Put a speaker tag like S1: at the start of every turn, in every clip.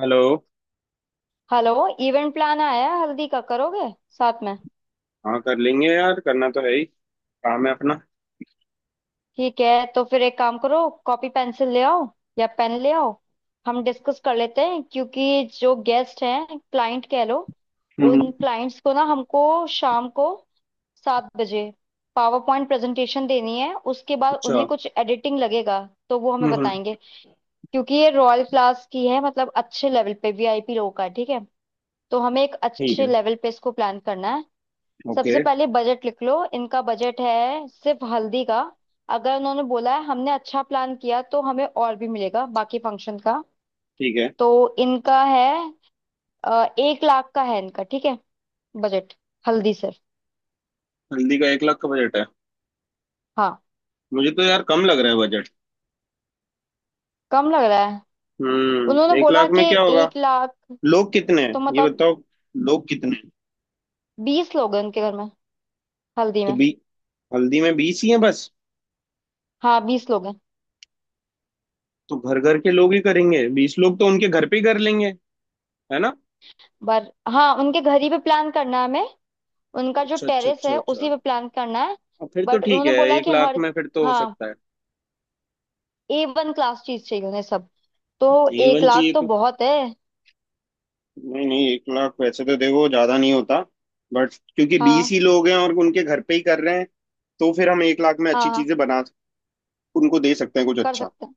S1: Hello.
S2: Hello. Event plan आया है, हल्दी का करोगे साथ में?
S1: हाँ, कर लेंगे यार, करना तो है ही। काम है अपना।
S2: ठीक है, तो फिर एक काम करो, कॉपी पेंसिल ले आओ या पेन ले आओ। हम डिस्कस कर लेते हैं, क्योंकि जो गेस्ट हैं, क्लाइंट कह लो। उन
S1: हम्म।
S2: क्लाइंट्स को ना हमको शाम को 7 बजे पावर पॉइंट प्रेजेंटेशन देनी है। उसके बाद
S1: अच्छा।
S2: उन्हें कुछ एडिटिंग लगेगा तो वो हमें
S1: हम्म।
S2: बताएंगे। क्योंकि ये रॉयल क्लास की है, मतलब अच्छे लेवल पे वीआईपी लोगों का है, ठीक है। तो हमें एक
S1: ठीक
S2: अच्छे
S1: है।
S2: लेवल पे इसको प्लान करना है।
S1: ओके।
S2: सबसे पहले बजट लिख लो, इनका बजट है सिर्फ हल्दी का। अगर उन्होंने बोला है हमने अच्छा प्लान किया तो हमें और भी मिलेगा बाकी फंक्शन का।
S1: ठीक है।
S2: तो इनका है, 1 लाख का है इनका, ठीक है। बजट, हल्दी सिर्फ।
S1: हल्दी का 1 लाख का बजट है?
S2: हाँ।
S1: मुझे तो यार कम लग रहा है बजट।
S2: कम लग रहा है।
S1: हम्म,
S2: उन्होंने
S1: एक
S2: बोला
S1: लाख
S2: कि
S1: में क्या होगा?
S2: 1 लाख।
S1: लोग कितने हैं
S2: तो
S1: ये
S2: मतलब
S1: बताओ? लोग कितने हैं?
S2: 20 लोग हैं उनके घर में, हल्दी
S1: तो
S2: में।
S1: बी हल्दी में 20 ही हैं बस?
S2: हाँ 20 लोग हैं।
S1: तो घर घर के लोग ही करेंगे, 20 लोग तो उनके घर पे ही कर लेंगे, है ना?
S2: पर हाँ, उनके घर ही पे प्लान करना है हमें। उनका जो
S1: अच्छा अच्छा
S2: टेरेस
S1: अच्छा
S2: है उसी
S1: अच्छा।
S2: पे प्लान करना है।
S1: अब फिर तो
S2: बट
S1: ठीक
S2: उन्होंने
S1: है,
S2: बोला है
S1: एक
S2: कि
S1: लाख
S2: हर
S1: में फिर तो हो
S2: हाँ,
S1: सकता है।
S2: A1 क्लास चीज चाहिए उन्हें सब। तो
S1: ए
S2: एक
S1: वन
S2: लाख
S1: चाहिए
S2: तो
S1: तो।
S2: बहुत है।
S1: नहीं नहीं, 1 लाख वैसे तो देखो ज्यादा नहीं होता। बट क्योंकि 20
S2: हाँ,
S1: ही लोग हैं और उनके घर पे ही कर रहे हैं, तो फिर हम 1 लाख में
S2: हाँ।
S1: अच्छी
S2: हाँ,
S1: चीजें बना उनको दे सकते हैं कुछ
S2: कर
S1: अच्छा।
S2: सकते हैं।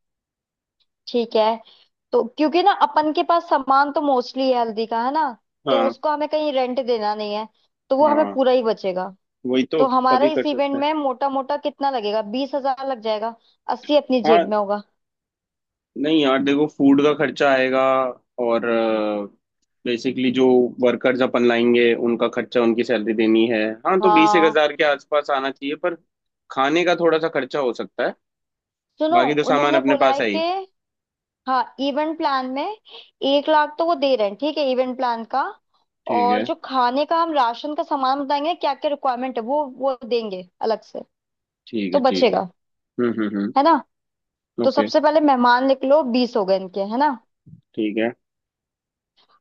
S2: ठीक है। तो क्योंकि ना अपन के पास सामान तो मोस्टली है हल्दी का, है ना। तो
S1: हाँ
S2: उसको हमें कहीं रेंट देना नहीं है, तो वो हमें
S1: हाँ,
S2: पूरा ही बचेगा।
S1: वही तो
S2: तो
S1: तभी
S2: हमारे
S1: कर
S2: इस
S1: सकते
S2: इवेंट
S1: हैं।
S2: में मोटा मोटा कितना लगेगा, 20 हजार लग जाएगा, 80 अपनी
S1: हाँ।
S2: जेब में होगा।
S1: नहीं यार, देखो फूड का खर्चा आएगा। और बेसिकली जो वर्कर्स अपन लाएंगे उनका खर्चा, उनकी सैलरी देनी है। हाँ, तो बीस एक
S2: हाँ।
S1: हजार के आसपास आना चाहिए पर। खाने का थोड़ा सा खर्चा हो सकता है।
S2: सुनो,
S1: बाकी तो सामान
S2: उन्होंने
S1: अपने
S2: बोला
S1: पास
S2: है
S1: है ही।
S2: कि हाँ इवेंट प्लान में 1 लाख तो वो दे रहे हैं, ठीक है, इवेंट प्लान का।
S1: ठीक
S2: और
S1: है,
S2: जो खाने का, हम राशन का सामान बताएंगे क्या क्या रिक्वायरमेंट है, वो देंगे अलग से।
S1: ठीक
S2: तो
S1: है, ठीक है।
S2: बचेगा,
S1: हम्म।
S2: है ना। तो
S1: ओके।
S2: सबसे पहले मेहमान लिख लो, 20 हो गए इनके, है ना।
S1: ठीक है,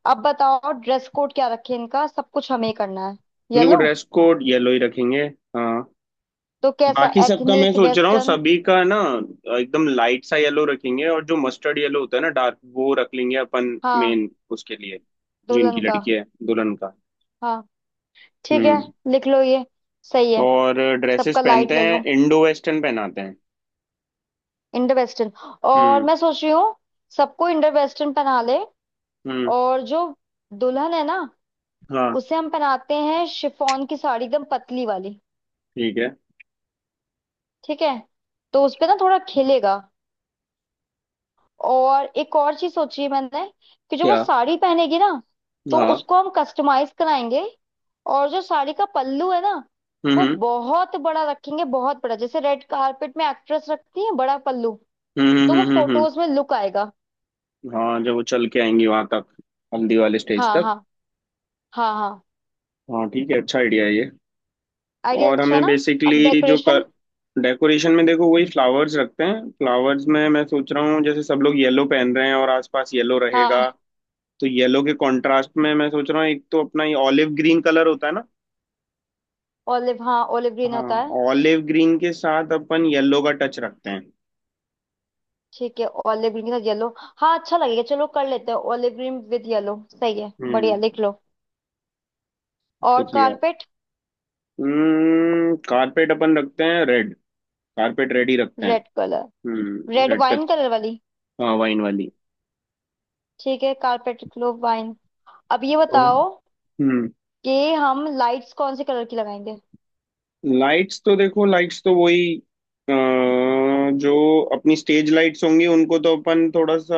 S2: अब बताओ ड्रेस कोड क्या रखे, इनका सब कुछ हमें ही करना है।
S1: देखो
S2: येलो।
S1: ड्रेस कोड येलो ही रखेंगे। हाँ,
S2: तो कैसा,
S1: बाकी सबका मैं
S2: एथनिक
S1: सोच रहा हूँ
S2: वेस्टर्न?
S1: सभी का ना। एकदम लाइट सा येलो रखेंगे और जो मस्टर्ड येलो होता है ना डार्क, वो रख लेंगे अपन
S2: हाँ।
S1: मेन उसके लिए। जो इनकी
S2: दुल्हन का।
S1: लड़की है, दुल्हन का।
S2: हाँ ठीक है,
S1: हम्म।
S2: लिख लो ये, सही है।
S1: और ड्रेसेस
S2: सबका लाइट
S1: पहनते हैं,
S2: येलो,
S1: इंडो वेस्टर्न पहनाते हैं।
S2: Indo western. और
S1: हम्म
S2: मैं सोच रही हूँ सबको इंडो वेस्टर्न पहना ले।
S1: हम्म।
S2: और जो दुल्हन है ना,
S1: हाँ।
S2: उसे हम पहनाते हैं शिफॉन की साड़ी एकदम पतली वाली।
S1: ठीक है
S2: ठीक है। तो उसपे ना थोड़ा खिलेगा। और एक और चीज सोची है मैंने, कि जो वो
S1: क्या?
S2: साड़ी पहनेगी ना, तो
S1: हाँ।
S2: उसको हम कस्टमाइज कराएंगे। और जो साड़ी का पल्लू है ना,
S1: हम्म
S2: वो
S1: हम्म
S2: बहुत बड़ा रखेंगे, बहुत बड़ा, जैसे रेड कारपेट में एक्ट्रेस रखती है बड़ा पल्लू। तो
S1: हम्म,
S2: वो फोटोज में लुक आएगा।
S1: हाँ जब वो चल के आएंगी वहां तक, हल्दी वाले स्टेज
S2: हाँ
S1: तक।
S2: हाँ, हाँ हाँ।
S1: हाँ ठीक है, अच्छा आइडिया है ये।
S2: आइडिया
S1: और
S2: अच्छा
S1: हमें
S2: ना। अब
S1: बेसिकली जो कर।
S2: डेकोरेशन।
S1: डेकोरेशन में देखो वही फ्लावर्स रखते हैं। फ्लावर्स में मैं सोच रहा हूँ, जैसे सब लोग येलो पहन रहे हैं और आसपास येलो रहेगा,
S2: हाँ
S1: तो येलो के कॉन्ट्रास्ट में मैं सोच रहा हूँ एक तो अपना ये ऑलिव ग्रीन कलर होता है ना।
S2: ऑलिव, हाँ ऑलिव ग्रीन होता
S1: हाँ,
S2: है।
S1: ऑलिव ग्रीन के साथ अपन येलो का टच रखते हैं।
S2: ठीक है, ऑलिव ग्रीन के साथ येलो। हाँ अच्छा लगेगा, चलो कर लेते हैं ऑलिव ग्रीन विद येलो, सही है। बढ़िया,
S1: हम्म,
S2: लिख लो। और
S1: लिख लिया।
S2: कारपेट?
S1: हम्म, कारपेट अपन रखते हैं रेड। कारपेट रेड ही रखते हैं।
S2: Red colour.
S1: हम्म,
S2: रेड
S1: रेड पे।
S2: वाइन कलर वाली।
S1: हाँ वाइन वाली।
S2: ठीक है, कारपेट क्लोव वाइन। अब ये
S1: ओ।
S2: बताओ
S1: हम्म।
S2: कि हम लाइट्स कौन से कलर की लगाएंगे।
S1: लाइट्स तो देखो, लाइट्स तो वही अ, जो अपनी स्टेज लाइट्स होंगी उनको तो अपन थोड़ा सा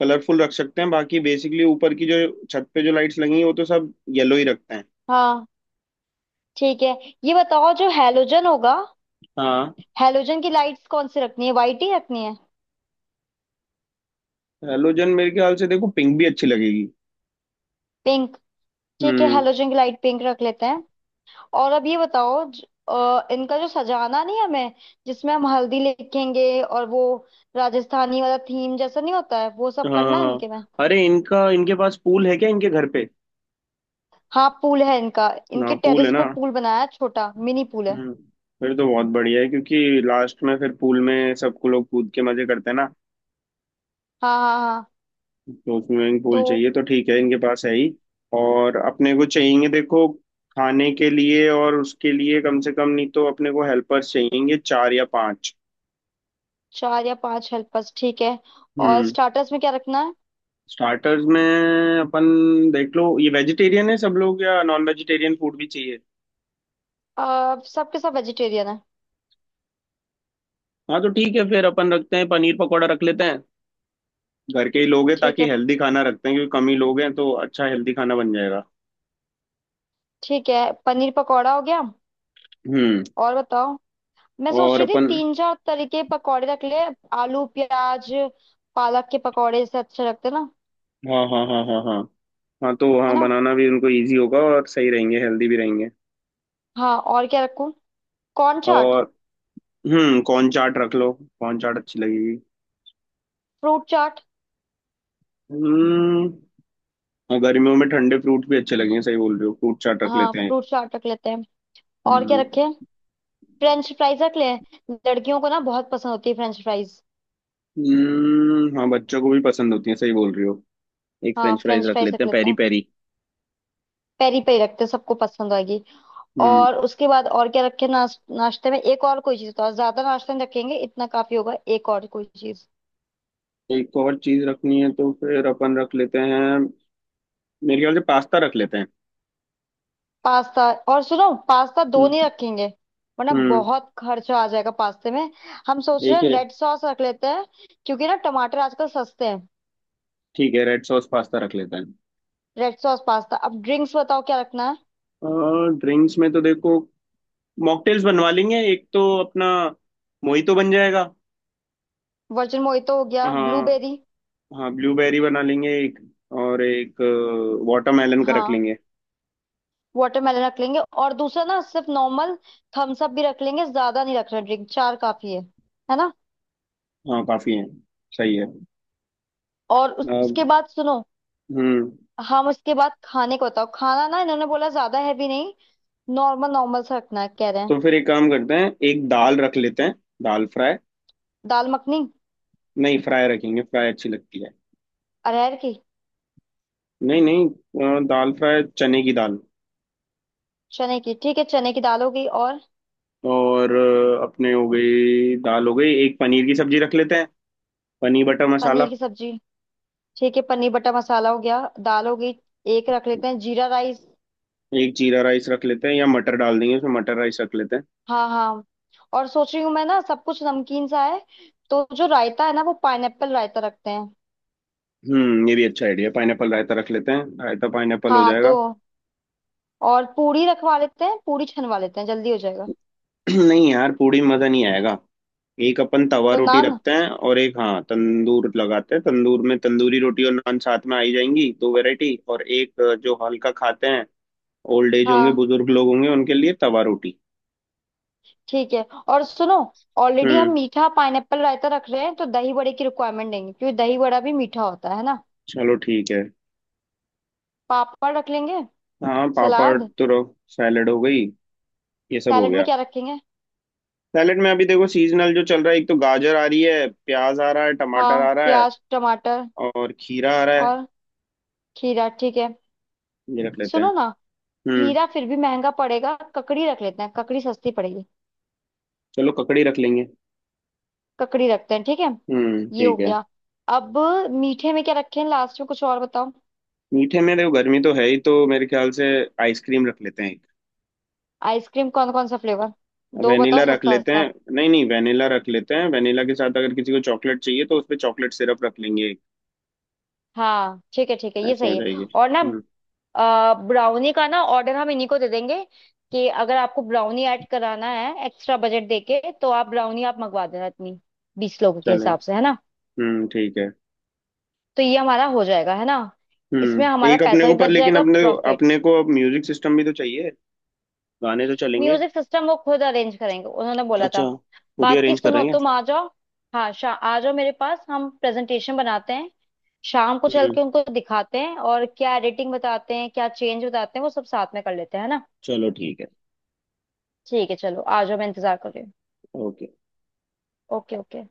S1: कलरफुल रख सकते हैं। बाकी बेसिकली ऊपर की जो छत पे जो लाइट्स लगी हैं, वो तो सब येलो ही रखते हैं।
S2: हाँ ठीक है। ये बताओ जो हेलोजन होगा,
S1: हाँ।
S2: हेलोजन की लाइट्स कौन सी रखनी है, वाइट ही रखनी है?
S1: हेलोजन मेरे ख्याल से देखो पिंक भी अच्छी लगेगी।
S2: पिंक? ठीक है,
S1: हम्म।
S2: हेलोजन की लाइट पिंक रख लेते हैं। और अब ये बताओ इनका जो सजाना नहीं हमें, जिसमें हम हल्दी लिखेंगे, और वो राजस्थानी वाला थीम जैसा नहीं होता है, वो सब
S1: हाँ हाँ
S2: करना है
S1: हाँ।
S2: इनके में।
S1: अरे इनका, इनके पास पूल है क्या इनके घर पे?
S2: हाँ पूल है इनका,
S1: ना,
S2: इनके
S1: पूल है
S2: टेरेस
S1: ना।
S2: पे पूल बनाया है, छोटा मिनी पूल है।
S1: हम्म। फिर तो बहुत बढ़िया है, क्योंकि लास्ट में फिर पूल में सबको लोग कूद के मजे करते हैं ना।
S2: हाँ हाँ हाँ।
S1: दो स्विमिंग
S2: तो
S1: पूल चाहिए तो ठीक है, इनके पास है ही। और अपने को चाहिए देखो, खाने के लिए और उसके लिए कम से कम, नहीं तो अपने को हेल्पर्स चाहिए चार या पांच।
S2: चार या पांच हेल्पर्स ठीक है। और
S1: हम्म।
S2: स्टार्टर्स में क्या रखना है?
S1: स्टार्टर्स में अपन देख लो, ये वेजिटेरियन है सब लोग या नॉन वेजिटेरियन फूड भी चाहिए?
S2: सबके सब वेजिटेरियन है।
S1: हाँ तो ठीक है, फिर अपन रखते हैं पनीर पकौड़ा रख लेते हैं। घर के ही लोग हैं
S2: ठीक
S1: ताकि
S2: है
S1: हेल्दी खाना रखते हैं, क्योंकि कम ही लोग हैं तो अच्छा हेल्दी खाना बन जाएगा।
S2: ठीक है, पनीर पकौड़ा हो गया।
S1: हम्म
S2: और बताओ, मैं सोच
S1: और
S2: रही थी
S1: अपन।
S2: तीन चार तरीके पकौड़े रख ले। आलू प्याज, पालक के पकौड़े से अच्छे लगते ना,
S1: हाँ हाँ हाँ हाँ हाँ। हाँ तो
S2: है
S1: हाँ,
S2: ना।
S1: बनाना भी उनको इजी होगा और सही रहेंगे हेल्दी भी रहेंगे।
S2: हाँ और क्या रखूं? कॉर्न चाट।
S1: और हम्म, कॉर्न चाट रख लो। कॉर्न चाट अच्छी लगेगी।
S2: फ्रूट चाट।
S1: हम्म। हाँ, गर्मियों में ठंडे फ्रूट भी अच्छे लगेंगे, सही बोल रहे हो, फ्रूट चाट रख
S2: हाँ
S1: लेते हैं।
S2: फ्रूट चाट रख लेते हैं। और क्या
S1: हम्म।
S2: रखें? फ्रेंच फ्राइज रख लें, लड़कियों को ना बहुत पसंद होती है फ्रेंच फ्राइज।
S1: हाँ बच्चों को भी पसंद होती है, सही बोल रही हो। एक
S2: हाँ
S1: फ्रेंच फ्राइज
S2: फ्रेंच
S1: रख
S2: फ्राइज
S1: लेते
S2: रख
S1: हैं
S2: लेते
S1: पेरी
S2: हैं,
S1: पेरी।
S2: पेरी पेरी रखते हैं सबको पसंद आएगी।
S1: हम्म।
S2: और उसके बाद और क्या रखें, नाश्ते में एक और कोई चीज, तो ज्यादा नाश्ता नहीं रखेंगे, इतना काफी होगा, एक और कोई चीज।
S1: एक और चीज रखनी है तो फिर अपन रख लेते हैं, मेरे ख्याल से पास्ता रख लेते हैं।
S2: पास्ता। और सुनो, पास्ता दो नहीं
S1: हम्म।
S2: रखेंगे, वरना
S1: हम्म।
S2: बहुत खर्चा आ जाएगा पास्ते में। हम सोच
S1: एक
S2: रहे हैं
S1: ही रहे-
S2: रेड सॉस रख लेते हैं, क्योंकि ना टमाटर आजकल सस्ते हैं।
S1: ठीक है, रेड सॉस पास्ता रख लेते हैं।
S2: Red sauce pasta. अब ड्रिंक्स बताओ क्या रखना है?
S1: ड्रिंक्स में तो देखो मॉकटेल्स बनवा लेंगे, एक तो अपना मोहितो बन जाएगा।
S2: वर्जिन मोहितो हो गया,
S1: हाँ।
S2: ब्लूबेरी।
S1: हाँ ब्लूबेरी बना लेंगे एक। और एक वाटरमेलन का रख
S2: हाँ।
S1: लेंगे।
S2: वाटरमेलन रख लेंगे, और दूसरा ना सिर्फ नॉर्मल थम्स अप भी रख लेंगे। ज्यादा नहीं रख रहे, ड्रिंक चार काफी है ना।
S1: हाँ काफी है, सही है।
S2: और
S1: अब
S2: उसके बाद सुनो,
S1: हम्म।
S2: हम उसके बाद खाने को बताओ, खाना ना इन्होंने बोला ज्यादा हैवी नहीं, नॉर्मल नॉर्मल सा रखना है कह रहे हैं।
S1: तो फिर एक काम करते हैं, एक दाल रख लेते हैं। दाल फ्राई।
S2: दाल मखनी?
S1: नहीं, फ्राई रखेंगे, फ्राई अच्छी लगती है।
S2: अरहर की?
S1: नहीं नहीं, दाल फ्राई चने की दाल।
S2: चने की? ठीक है चने की दाल हो गई। और?
S1: और अपने हो गई, दाल हो गई, एक पनीर की सब्जी रख लेते हैं। पनीर बटर मसाला।
S2: पनीर की सब्जी। ठीक है, पनीर बटर मसाला हो गया, दाल हो गई। एक रख लेते हैं जीरा राइस।
S1: एक जीरा राइस रख लेते हैं या मटर डाल देंगे उसमें, मटर राइस रख लेते हैं।
S2: हाँ हाँ। और सोच रही हूँ मैं ना, सब कुछ नमकीन सा है, तो जो रायता है ना, वो पाइनएप्पल रायता रखते हैं।
S1: ये भी अच्छा आइडिया, पाइनएप्पल रायता रख लेते हैं, रायता पाइनएप्पल हो
S2: हाँ तो।
S1: जाएगा।
S2: और पूरी रखवा लेते हैं, पूरी छनवा लेते हैं, जल्दी हो जाएगा।
S1: नहीं यार, पूड़ी में मजा नहीं आएगा। एक अपन तवा
S2: तो
S1: रोटी
S2: नान?
S1: रखते हैं और एक हाँ तंदूर लगाते हैं, तंदूर में तंदूरी रोटी और नान साथ में आई जाएंगी, दो वैरायटी। और एक जो हल्का खाते हैं, ओल्ड एज होंगे,
S2: हाँ
S1: बुजुर्ग लोग होंगे उनके लिए तवा रोटी।
S2: ठीक है। और सुनो, ऑलरेडी हम
S1: हम्म
S2: मीठा पाइनएप्पल रायता रख रहे हैं, तो दही बड़े की रिक्वायरमेंट देंगे, क्योंकि दही बड़ा भी मीठा होता है ना।
S1: चलो ठीक है।
S2: पापड़ रख लेंगे।
S1: हाँ पापड़
S2: सलाद।
S1: तो। सैलेड हो गई, ये सब हो
S2: सैलेड में
S1: गया।
S2: क्या रखेंगे?
S1: सैलेड में अभी देखो सीजनल जो चल रहा है, एक तो गाजर आ रही है, प्याज आ रहा है, टमाटर
S2: हाँ,
S1: आ रहा है
S2: प्याज टमाटर
S1: और खीरा आ रहा है,
S2: और खीरा ठीक है।
S1: ये रख लेते हैं।
S2: सुनो ना,
S1: हम्म
S2: खीरा फिर भी महंगा पड़ेगा, ककड़ी रख लेते हैं, ककड़ी सस्ती पड़ेगी।
S1: चलो ककड़ी रख लेंगे।
S2: ककड़ी रखते हैं ठीक है। ये हो
S1: ठीक है।
S2: गया। अब मीठे में क्या रखें लास्ट में, कुछ और बताओ।
S1: मीठे में देखो गर्मी तो है ही, तो मेरे ख्याल से आइसक्रीम रख लेते हैं एक।
S2: आइसक्रीम कौन कौन सा फ्लेवर? दो बताओ,
S1: वेनिला रख
S2: सस्ता
S1: लेते
S2: सस्ता।
S1: हैं। नहीं नहीं वेनिला रख लेते हैं, वेनिला के साथ अगर किसी को चॉकलेट चाहिए तो उस पे चॉकलेट सिरप रख लेंगे एक।
S2: हाँ ठीक है ठीक है, ये
S1: ऐसा हो
S2: सही है।
S1: जाएगी।
S2: और ना
S1: हम्म
S2: ब्राउनी का ना ऑर्डर हम इन्हीं को दे देंगे, कि अगर आपको ब्राउनी ऐड कराना है एक्स्ट्रा बजट देके, तो आप ब्राउनी आप मंगवा देना इतनी, 20 लोगों के
S1: चलो।
S2: हिसाब से, है ना।
S1: ठीक है।
S2: तो ये हमारा हो जाएगा, है ना। इसमें हमारा
S1: एक अपने
S2: पैसा
S1: को
S2: भी
S1: पर
S2: बच
S1: लेकिन
S2: जाएगा,
S1: अपने।
S2: प्रॉफिट।
S1: अपने को अब म्यूजिक सिस्टम भी तो चाहिए, गाने तो चलेंगे।
S2: म्यूजिक सिस्टम वो खुद अरेंज करेंगे, उन्होंने बोला था।
S1: अच्छा, खुद ही
S2: बाकी
S1: अरेंज कर
S2: सुनो
S1: रहे हैं।
S2: तुम आ जाओ, हाँ, शा आ जाओ मेरे पास, हम प्रेजेंटेशन बनाते हैं, शाम को चल
S1: हम्म
S2: के उनको दिखाते हैं, और क्या एडिटिंग बताते हैं क्या चेंज बताते हैं वो सब साथ में कर लेते हैं, है ना।
S1: चलो ठीक है।
S2: ठीक है चलो आ जाओ, मैं इंतजार कर रही हूँ।
S1: ओके।
S2: Okay okay.